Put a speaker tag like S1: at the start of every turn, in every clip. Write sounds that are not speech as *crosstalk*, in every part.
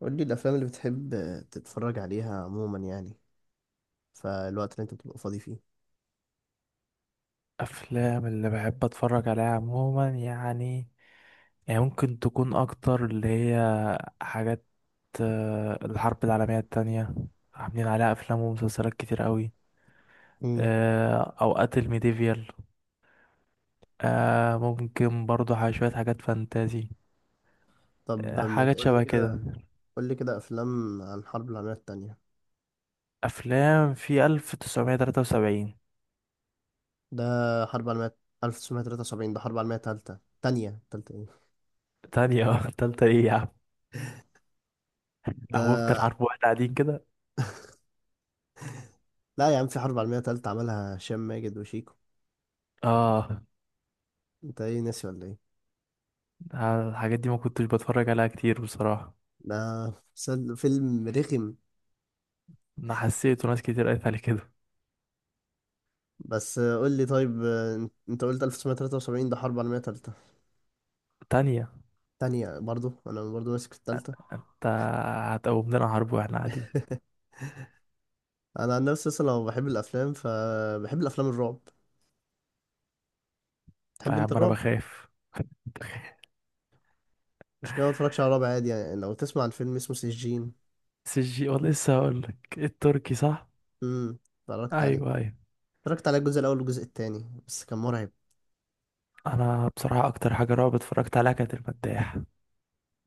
S1: قول لي الافلام اللي بتحب تتفرج عليها عموما يعني، فالوقت اللي انت بتبقى فاضي فيه.
S2: افلام اللي بحب اتفرج عليها عموما يعني ممكن تكون اكتر اللي هي حاجات. الحرب العالمية التانية عاملين عليها افلام ومسلسلات كتير قوي.
S1: امم.
S2: اوقات الميديفيال. ممكن برضو شوية حاجات فانتازي.
S1: طب ما
S2: حاجات
S1: تقول لي
S2: شبه كده.
S1: كده، قول لي كده افلام عن الحرب العالميه الثانيه.
S2: افلام في 1973.
S1: ده حرب عالميه. 1973 ده حرب عالميه ثالثه ثانيه ثالثه ايه
S2: تانية. *laughs* تالتة ايه يا عم؟ هو
S1: ده؟
S2: افضل حرب واحد قاعدين كده.
S1: لا يا عم، في حرب عالميه ثالثه عملها هشام ماجد وشيكو.
S2: اه.
S1: انت ايه، ناسي ولا ايه؟
S2: الحاجات دي ما كنتش بتفرج عليها كتير بصراحة.
S1: ده فيلم رخم.
S2: انا حسيت وناس كتير قالت علي كده.
S1: بس قول لي طيب، انت قلت 1973 ده حرب عالميه ثالثه
S2: تانية.
S1: ثانيه برضو. انا برضو ماسك في الثالثه.
S2: انت هتقوم لنا حرب واحنا قاعدين؟
S1: *laughs* انا عن نفسي اصلا لو بحب الافلام فبحب الافلام الرعب.
S2: يا
S1: تحب انت
S2: عم انا
S1: الرعب؟
S2: بخاف.
S1: مش كده، ما اتفرجش على الرعب عادي يعني، لو تسمع عن فيلم اسمه سجين.
S2: والله لسه هقول لك التركي صح.
S1: اتفرجت عليه.
S2: ايوه، ايوه.
S1: اتفرجت على الجزء الاول والجزء التاني بس كان مرعب.
S2: انا بصراحه اكتر حاجه رعب اتفرجت عليها كانت المداح.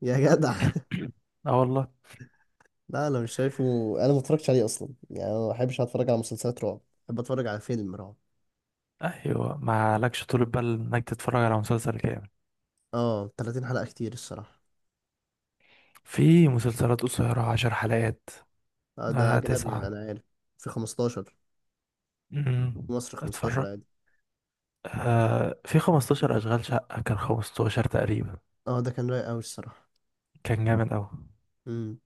S1: يا جدع.
S2: اه والله.
S1: *laughs* لا، انا مش شايفه. انا ما اتفرجتش عليه اصلا، يعني أنا ما بحبش اتفرج على مسلسلات رعب، بحب اتفرج على فيلم رعب.
S2: ايوه، ما لكش طول بال انك تتفرج على مسلسل كامل.
S1: اه، 30 حلقة كتير الصراحة.
S2: في مسلسلات قصيره 10 حلقات.
S1: آه، ده اجنبي يعني،
S2: 9.
S1: انا عارف. في 15.
S2: امم.
S1: في مصر 15
S2: اتفرج.
S1: عادي.
S2: في 15 اشغال شقه، كان 15 تقريبا.
S1: اه، ده كان رايق قوي الصراحة.
S2: كان جامد قوي.
S1: امم.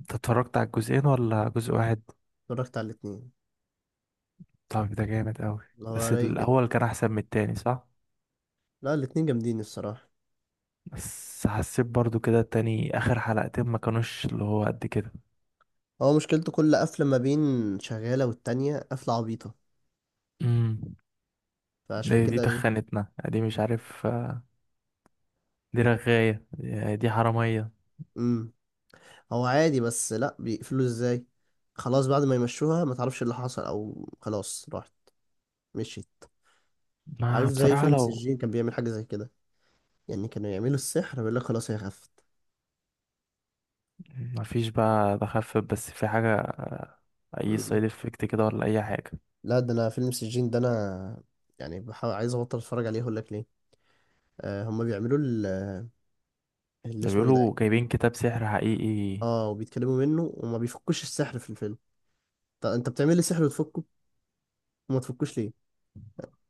S2: انت اتفرجت على الجزئين ولا جزء واحد؟
S1: اتفرجت على الاتنين.
S2: طب ده جامد قوي.
S1: اللي هو
S2: بس
S1: رايق جدا.
S2: الاول كان احسن من التاني صح؟
S1: لا، الاتنين جامدين الصراحة.
S2: بس حسيت برضو كده التاني اخر حلقتين ما كانوش اللي هو قد كده.
S1: هو مشكلته كل قفلة ما بين شغالة والتانية قفلة عبيطة،
S2: امم.
S1: فعشان
S2: دي
S1: كده ايه.
S2: تخنتنا، دي مش عارف، دي رغاية، دي حرامية.
S1: امم. هو عادي بس لا، بيقفلوا ازاي؟ خلاص بعد ما يمشوها ما تعرفش اللي حصل او خلاص راحت مشيت. عارف
S2: ما
S1: زي
S2: بصراحة
S1: فيلم
S2: لو
S1: سجين كان بيعمل حاجة زي كده، يعني كانوا يعملوا السحر بيقول لك خلاص هي خفت.
S2: ما فيش بقى تخفف بس في حاجة. اي
S1: امم
S2: سايد افكت كده ولا اي حاجة؟
S1: لا، ده انا فيلم سجين ده انا يعني بحاول عايز ابطل اتفرج عليه، اقول لك ليه. آه، هما بيعملوا اللي
S2: ده
S1: اسمه ايه ده.
S2: بيقولوا جايبين كتاب سحر حقيقي.
S1: اه، وبيتكلموا منه وما بيفكوش السحر في الفيلم. طب انت بتعمل لي سحر وتفكه، وما تفكوش ليه؟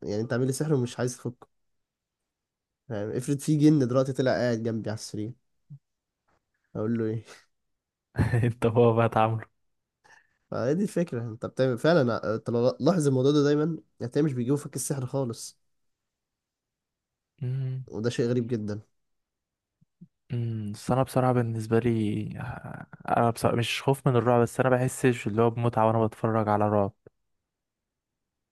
S1: يعني انت عامل لي سحر ومش عايز تفكه. يعني افرض في جن دلوقتي طلع قاعد جنبي على السرير، اقول له ايه؟ *laughs*
S2: *laughs* انت هو بقى.
S1: فهي دي الفكره، انت بتعمل فعلا. انت لو لاحظ الموضوع ده دايما هتلاقيه مش بيجيبوا فك السحر خالص،
S2: تعامله.
S1: وده شيء غريب جدا.
S2: امم. بس انا بصراحه بالنسبه لي، انا بصراحة مش خوف من الرعب بس انا بحسش اللي هو بمتعه وانا بتفرج على رعب.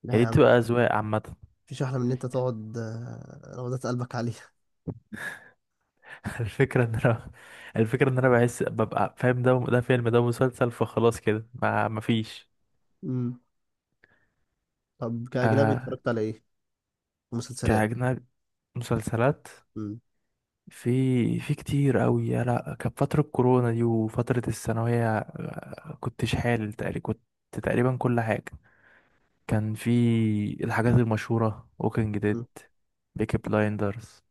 S1: لا
S2: يعني
S1: يا
S2: دي
S1: عم،
S2: بتبقى اذواق عامه.
S1: مفيش احلى من ان انت تقعد روضات قلبك عليها.
S2: *laughs* الفكره ان انا الفكره ان انا بحس ببقى فاهم ده فيلم ده مسلسل فخلاص كده ما مفيش.
S1: *laughs* امم. طب كاجنبي
S2: آه.
S1: اتفرجت على ايه؟ مسلسلات.
S2: كأجنبي. مسلسلات.
S1: امم.
S2: في كتير قوي يا لا، كانت فتره كورونا دي وفتره الثانويه، كنت شحال تقريبا. كنت تقريبا كل حاجه. كان في الحاجات المشهورة: ووكينج
S1: امم.
S2: ديد، بيكي بلايندرز،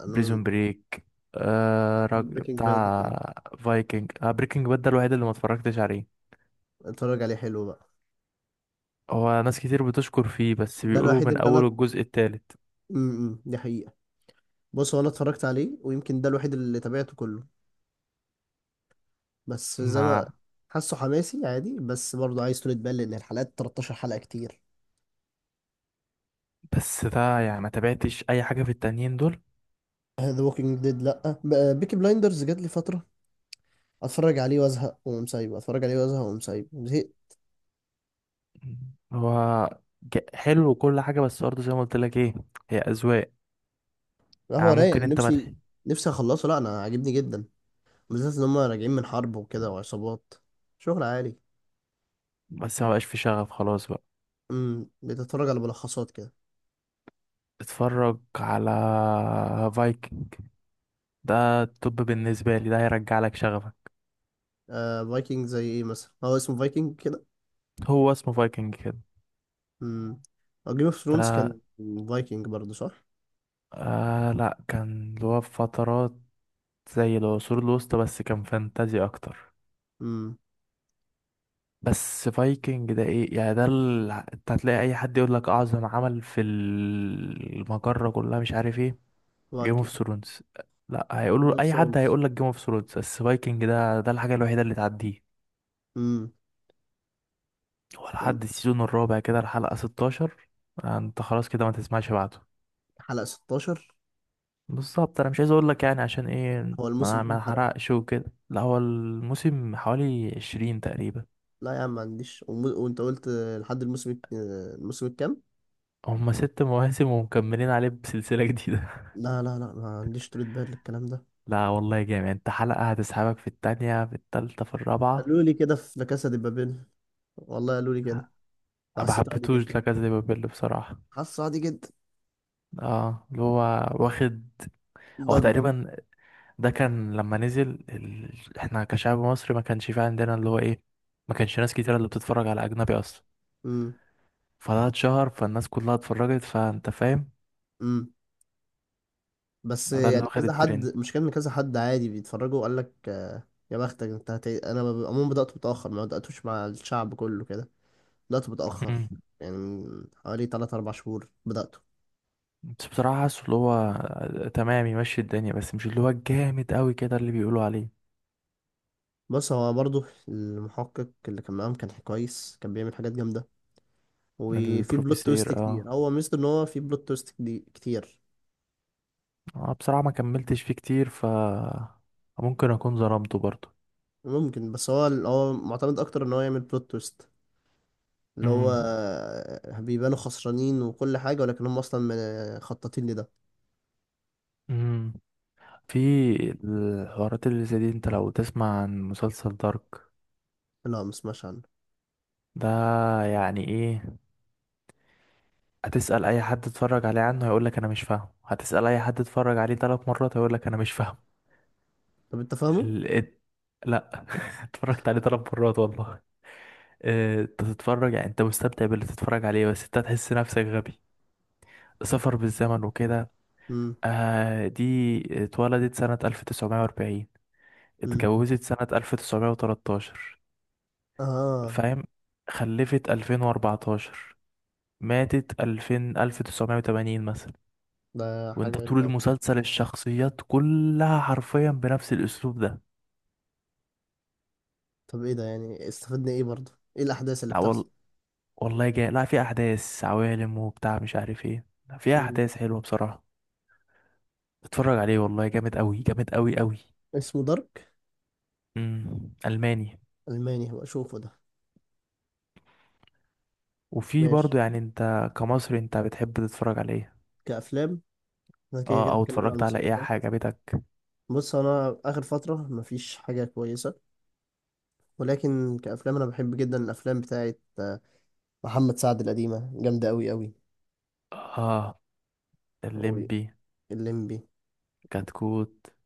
S1: انا.
S2: بريزون بريك،
S1: بريكنج باد اكيد،
S2: بتاع فايكنج، بريكنج باد ده الوحيد اللي ما اتفرجتش عليه.
S1: اتفرج عليه حلو بقى.
S2: هو ناس كتير بتشكر فيه بس
S1: ده
S2: بيقولوا
S1: الوحيد
S2: من
S1: اللي
S2: اول
S1: انا.
S2: الجزء التالت.
S1: دي حقيقه. بص، هو انا اتفرجت عليه ويمكن ده الوحيد اللي تابعته كله. بس زي ما
S2: ما
S1: حاسه، حماسي عادي بس برضه عايز طولة بال، لأن الحلقات 13 حلقة كتير.
S2: بس ده يعني ما تابعتش اي حاجة في التانيين دول.
S1: *clears throat* ذا ووكينج ديد لأ. بيكي بلايندرز جات لي فترة، أتفرج عليه وأزهق وأقوم سايبه، أتفرج عليه وأزهق وأقوم سايبه، زهقت.
S2: هو حلو وكل حاجة بس برضه زي ما قلت لك ايه، هي اذواق.
S1: لا، هو
S2: يعني
S1: رايق.
S2: ممكن انت ما
S1: نفسي،
S2: تح...
S1: نفسي أخلصه. لأ، أنا عاجبني جدا، بالذات إن هما راجعين من حرب وكده وعصابات. شغل عالي.
S2: بس ما بقاش في شغف خلاص بقى.
S1: بتتفرج على ملخصات كده.
S2: اتفرج على فايكنج. ده الطب بالنسبة لي ده هيرجع لك شغفك.
S1: آه، فايكنج زي إيه مثلا؟ هو اسمه فايكنج كده.
S2: هو اسمه فايكنج كده.
S1: امم. جيم اوف ثرونز
S2: ده
S1: كان فايكنج برضه صح؟
S2: لا، كان اللي هو في فترات زي العصور الوسطى بس كان فانتازي اكتر.
S1: امم.
S2: بس فايكنج ده ايه يعني انت هتلاقي اي حد يقول لك اعظم عمل في المجرة كلها مش عارف ايه. جيم اوف
S1: فايكنج.
S2: ثرونز. لا،
S1: جيم
S2: هيقولوا
S1: اوف
S2: اي حد
S1: ثرونز.
S2: هيقول لك جيم اوف ثرونز بس فايكنج ده الحاجة الوحيدة اللي تعديه. هو لحد السيزون الرابع كده الحلقة 16، انت خلاص كده ما تسمعش بعده.
S1: حلقة 16.
S2: بالظبط. انا مش عايز اقول لك يعني عشان ايه
S1: هو الموسم
S2: ما
S1: كام
S2: ما
S1: حلقة؟
S2: حرقش وكده. لا هو الموسم حوالي 20 تقريبا.
S1: لا يا عم ما عنديش وانت قلت لحد الموسم الموسم الكام؟
S2: هما 6 *laughs* مواسم ومكملين عليه بسلسلة جديدة.
S1: لا لا لا، ما عنديش طولة بال للكلام ده.
S2: *laughs* لا والله جامد، انت حلقة هتسحبك في التانية في التالتة في الرابعة.
S1: قالوا لي كده في لا كاسا دي بابيل. والله قالوا لي كده
S2: ما
S1: فحسيته عادي
S2: حبيتهوش
S1: جدا.
S2: لا كاسا دي بابيل بصراحة.
S1: حاسه عادي جدا.
S2: اه، اللي هو واخد. هو
S1: ضجة.
S2: تقريبا ده كان لما نزل احنا كشعب مصري ما كانش في عندنا اللي هو ايه، ما كانش ناس كتير اللي بتتفرج على اجنبي اصلا.
S1: امم.
S2: فده اتشهر فالناس كلها اتفرجت فانت فاهم.
S1: امم. بس
S2: ده اللي
S1: يعني
S2: واخد
S1: كذا حد،
S2: الترند.
S1: مش كان كذا حد عادي بيتفرجوا وقال لك يا بختك انت انا عموما بدأت متأخر، ما بدأتوش مع الشعب كله كده. بدأت
S2: مم.
S1: متأخر يعني من حوالي 3 4 شهور بدأته.
S2: بس بصراحة حاسه اللي هو، تمام يمشي الدنيا بس مش اللي هو الجامد قوي كده اللي بيقولوا عليه.
S1: بص، هو برضه المحقق اللي كان معاهم كان كويس، كان بيعمل حاجات جامدة. وفي بلوت تويست
S2: البروفيسير، اه.
S1: كتير، هو ميزته ان هو في بلوت تويست دي كتير.
S2: بصراحة ما كملتش فيه كتير ف ممكن اكون ظلمته برضه.
S1: ممكن. بس هو معتمد اكتر ان هو يعمل بلوت تويست، اللي هو
S2: امم.
S1: بيبانوا خسرانين وكل حاجة ولكن هم اصلا خططين لده.
S2: امم. في الحوارات اللي زي دي انت لو تسمع عن مسلسل دارك.
S1: لا، مسمعش عنه.
S2: ده يعني ايه، هتسأل اي حد اتفرج عليه عنه هيقولك انا مش فاهم، هتسأل اي حد اتفرج عليه 3 مرات هيقولك انا مش فاهم.
S1: طب انت فاهمه؟
S2: ال... ات- لا. *laughs* اتفرجت عليه 3 مرات والله. انت تتفرج يعني انت مستمتع باللي تتفرج عليه بس انت هتحس نفسك غبي. سفر بالزمن وكده.
S1: امم.
S2: دي اتولدت سنة 1940،
S1: امم.
S2: اتجوزت سنة 1913،
S1: اه،
S2: فاهم، خلفت 2014، ماتت 2000 1980 مثلا.
S1: ده حاجة
S2: وانت طول
S1: غريبة.
S2: المسلسل الشخصيات كلها حرفيا بنفس الاسلوب.
S1: طب ايه ده، يعني استفدنا ايه برضه؟ ايه الاحداث اللي بتحصل؟
S2: ده والله جاي لا في احداث عوالم وبتاع مش عارف ايه، لا، في
S1: امم.
S2: احداث حلوه بصراحه. اتفرج عليه والله جامد قوي، جامد قوي قوي.
S1: اسمه دارك.
S2: امم. الماني.
S1: الماني، هبقى اشوفه ده.
S2: وفي
S1: ماشي.
S2: برضو يعني انت كمصري انت بتحب تتفرج على ايه؟
S1: كأفلام، احنا كده
S2: اه،
S1: كده
S2: او
S1: اتكلمنا عن
S2: اتفرجت على ايه
S1: المسلسلات.
S2: حاجه بتك؟
S1: بص، انا اخر فتره مفيش حاجه كويسه. ولكن كافلام انا بحب جدا الافلام بتاعه محمد سعد القديمه جامده قوي قوي.
S2: اه، الليمبي.
S1: واللمبي.
S2: كتكوت.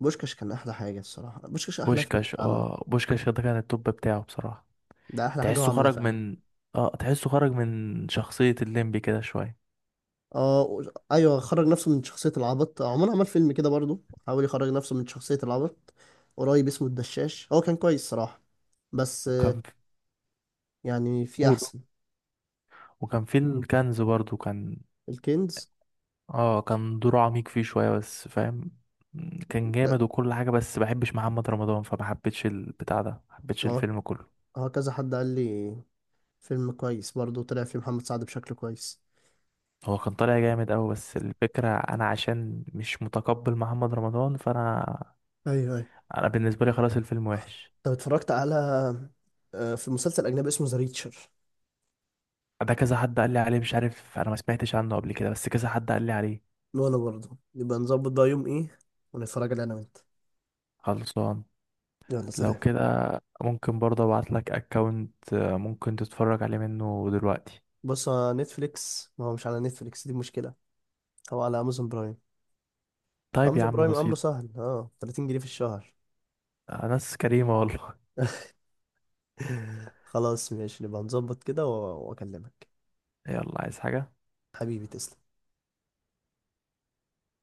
S1: بوشكاش كان احلى حاجه الصراحه، بوشكاش احلى فيلم
S2: بوشكاش.
S1: اتعمل.
S2: اه بوشكاش ده كان التوب بتاعه بصراحه.
S1: ده احلى حاجه هو
S2: تحسه
S1: عملها
S2: خرج
S1: فعلا.
S2: من. اه تحسه خرج من شخصيه الليمبي كده شويه.
S1: اه ايوه، خرج نفسه من شخصيه العبط. عمر عمل فيلم كده برضو، حاول يخرج نفسه من شخصيه العبط. قريب اسمه الدشاش، هو كان كويس صراحه، بس
S2: وكان في...
S1: يعني في
S2: قول.
S1: احسن.
S2: وكان في الكنز برضو كان.
S1: الكنز.
S2: اه كان دوره عميق فيه شوية بس فاهم. كان
S1: آه،
S2: جامد وكل حاجة بس بحبش محمد رمضان فما حبيتش البتاع ده، ما حبيتش
S1: هو
S2: الفيلم كله.
S1: هو كذا حد قال لي فيلم كويس برضه طلع فيه محمد سعد بشكل كويس.
S2: هو كان طالع جامد أوي بس الفكرة أنا عشان مش متقبل محمد رمضان فأنا،
S1: ايوه ايوه.
S2: أنا بالنسبة لي خلاص الفيلم وحش.
S1: طب اتفرجت على في مسلسل اجنبي اسمه ذا ريتشر.
S2: ده كذا حد قال لي عليه مش عارف، أنا ما سمعتش عنه قبل كده بس كذا حد قال لي عليه.
S1: وانا برضه نبقى نظبط بقى يوم ايه، ونتفرج عليه انا وانت.
S2: خلصان.
S1: يلا
S2: لو
S1: سلام.
S2: كده ممكن برضه ابعتلك اكونت ممكن تتفرج عليه منه دلوقتي.
S1: بص، على نتفليكس. ما هو مش على نتفليكس، دي مشكلة. هو على امازون برايم.
S2: طيب يا
S1: امازون
S2: عم
S1: برايم امره
S2: بسيط.
S1: سهل، اه 30 جنيه في الشهر.
S2: ناس كريمة والله.
S1: *laughs* خلاص ماشي، نبقى نظبط كده واكلمك.
S2: *laughs* يلا، عايز حاجة؟
S1: حبيبي تسلم.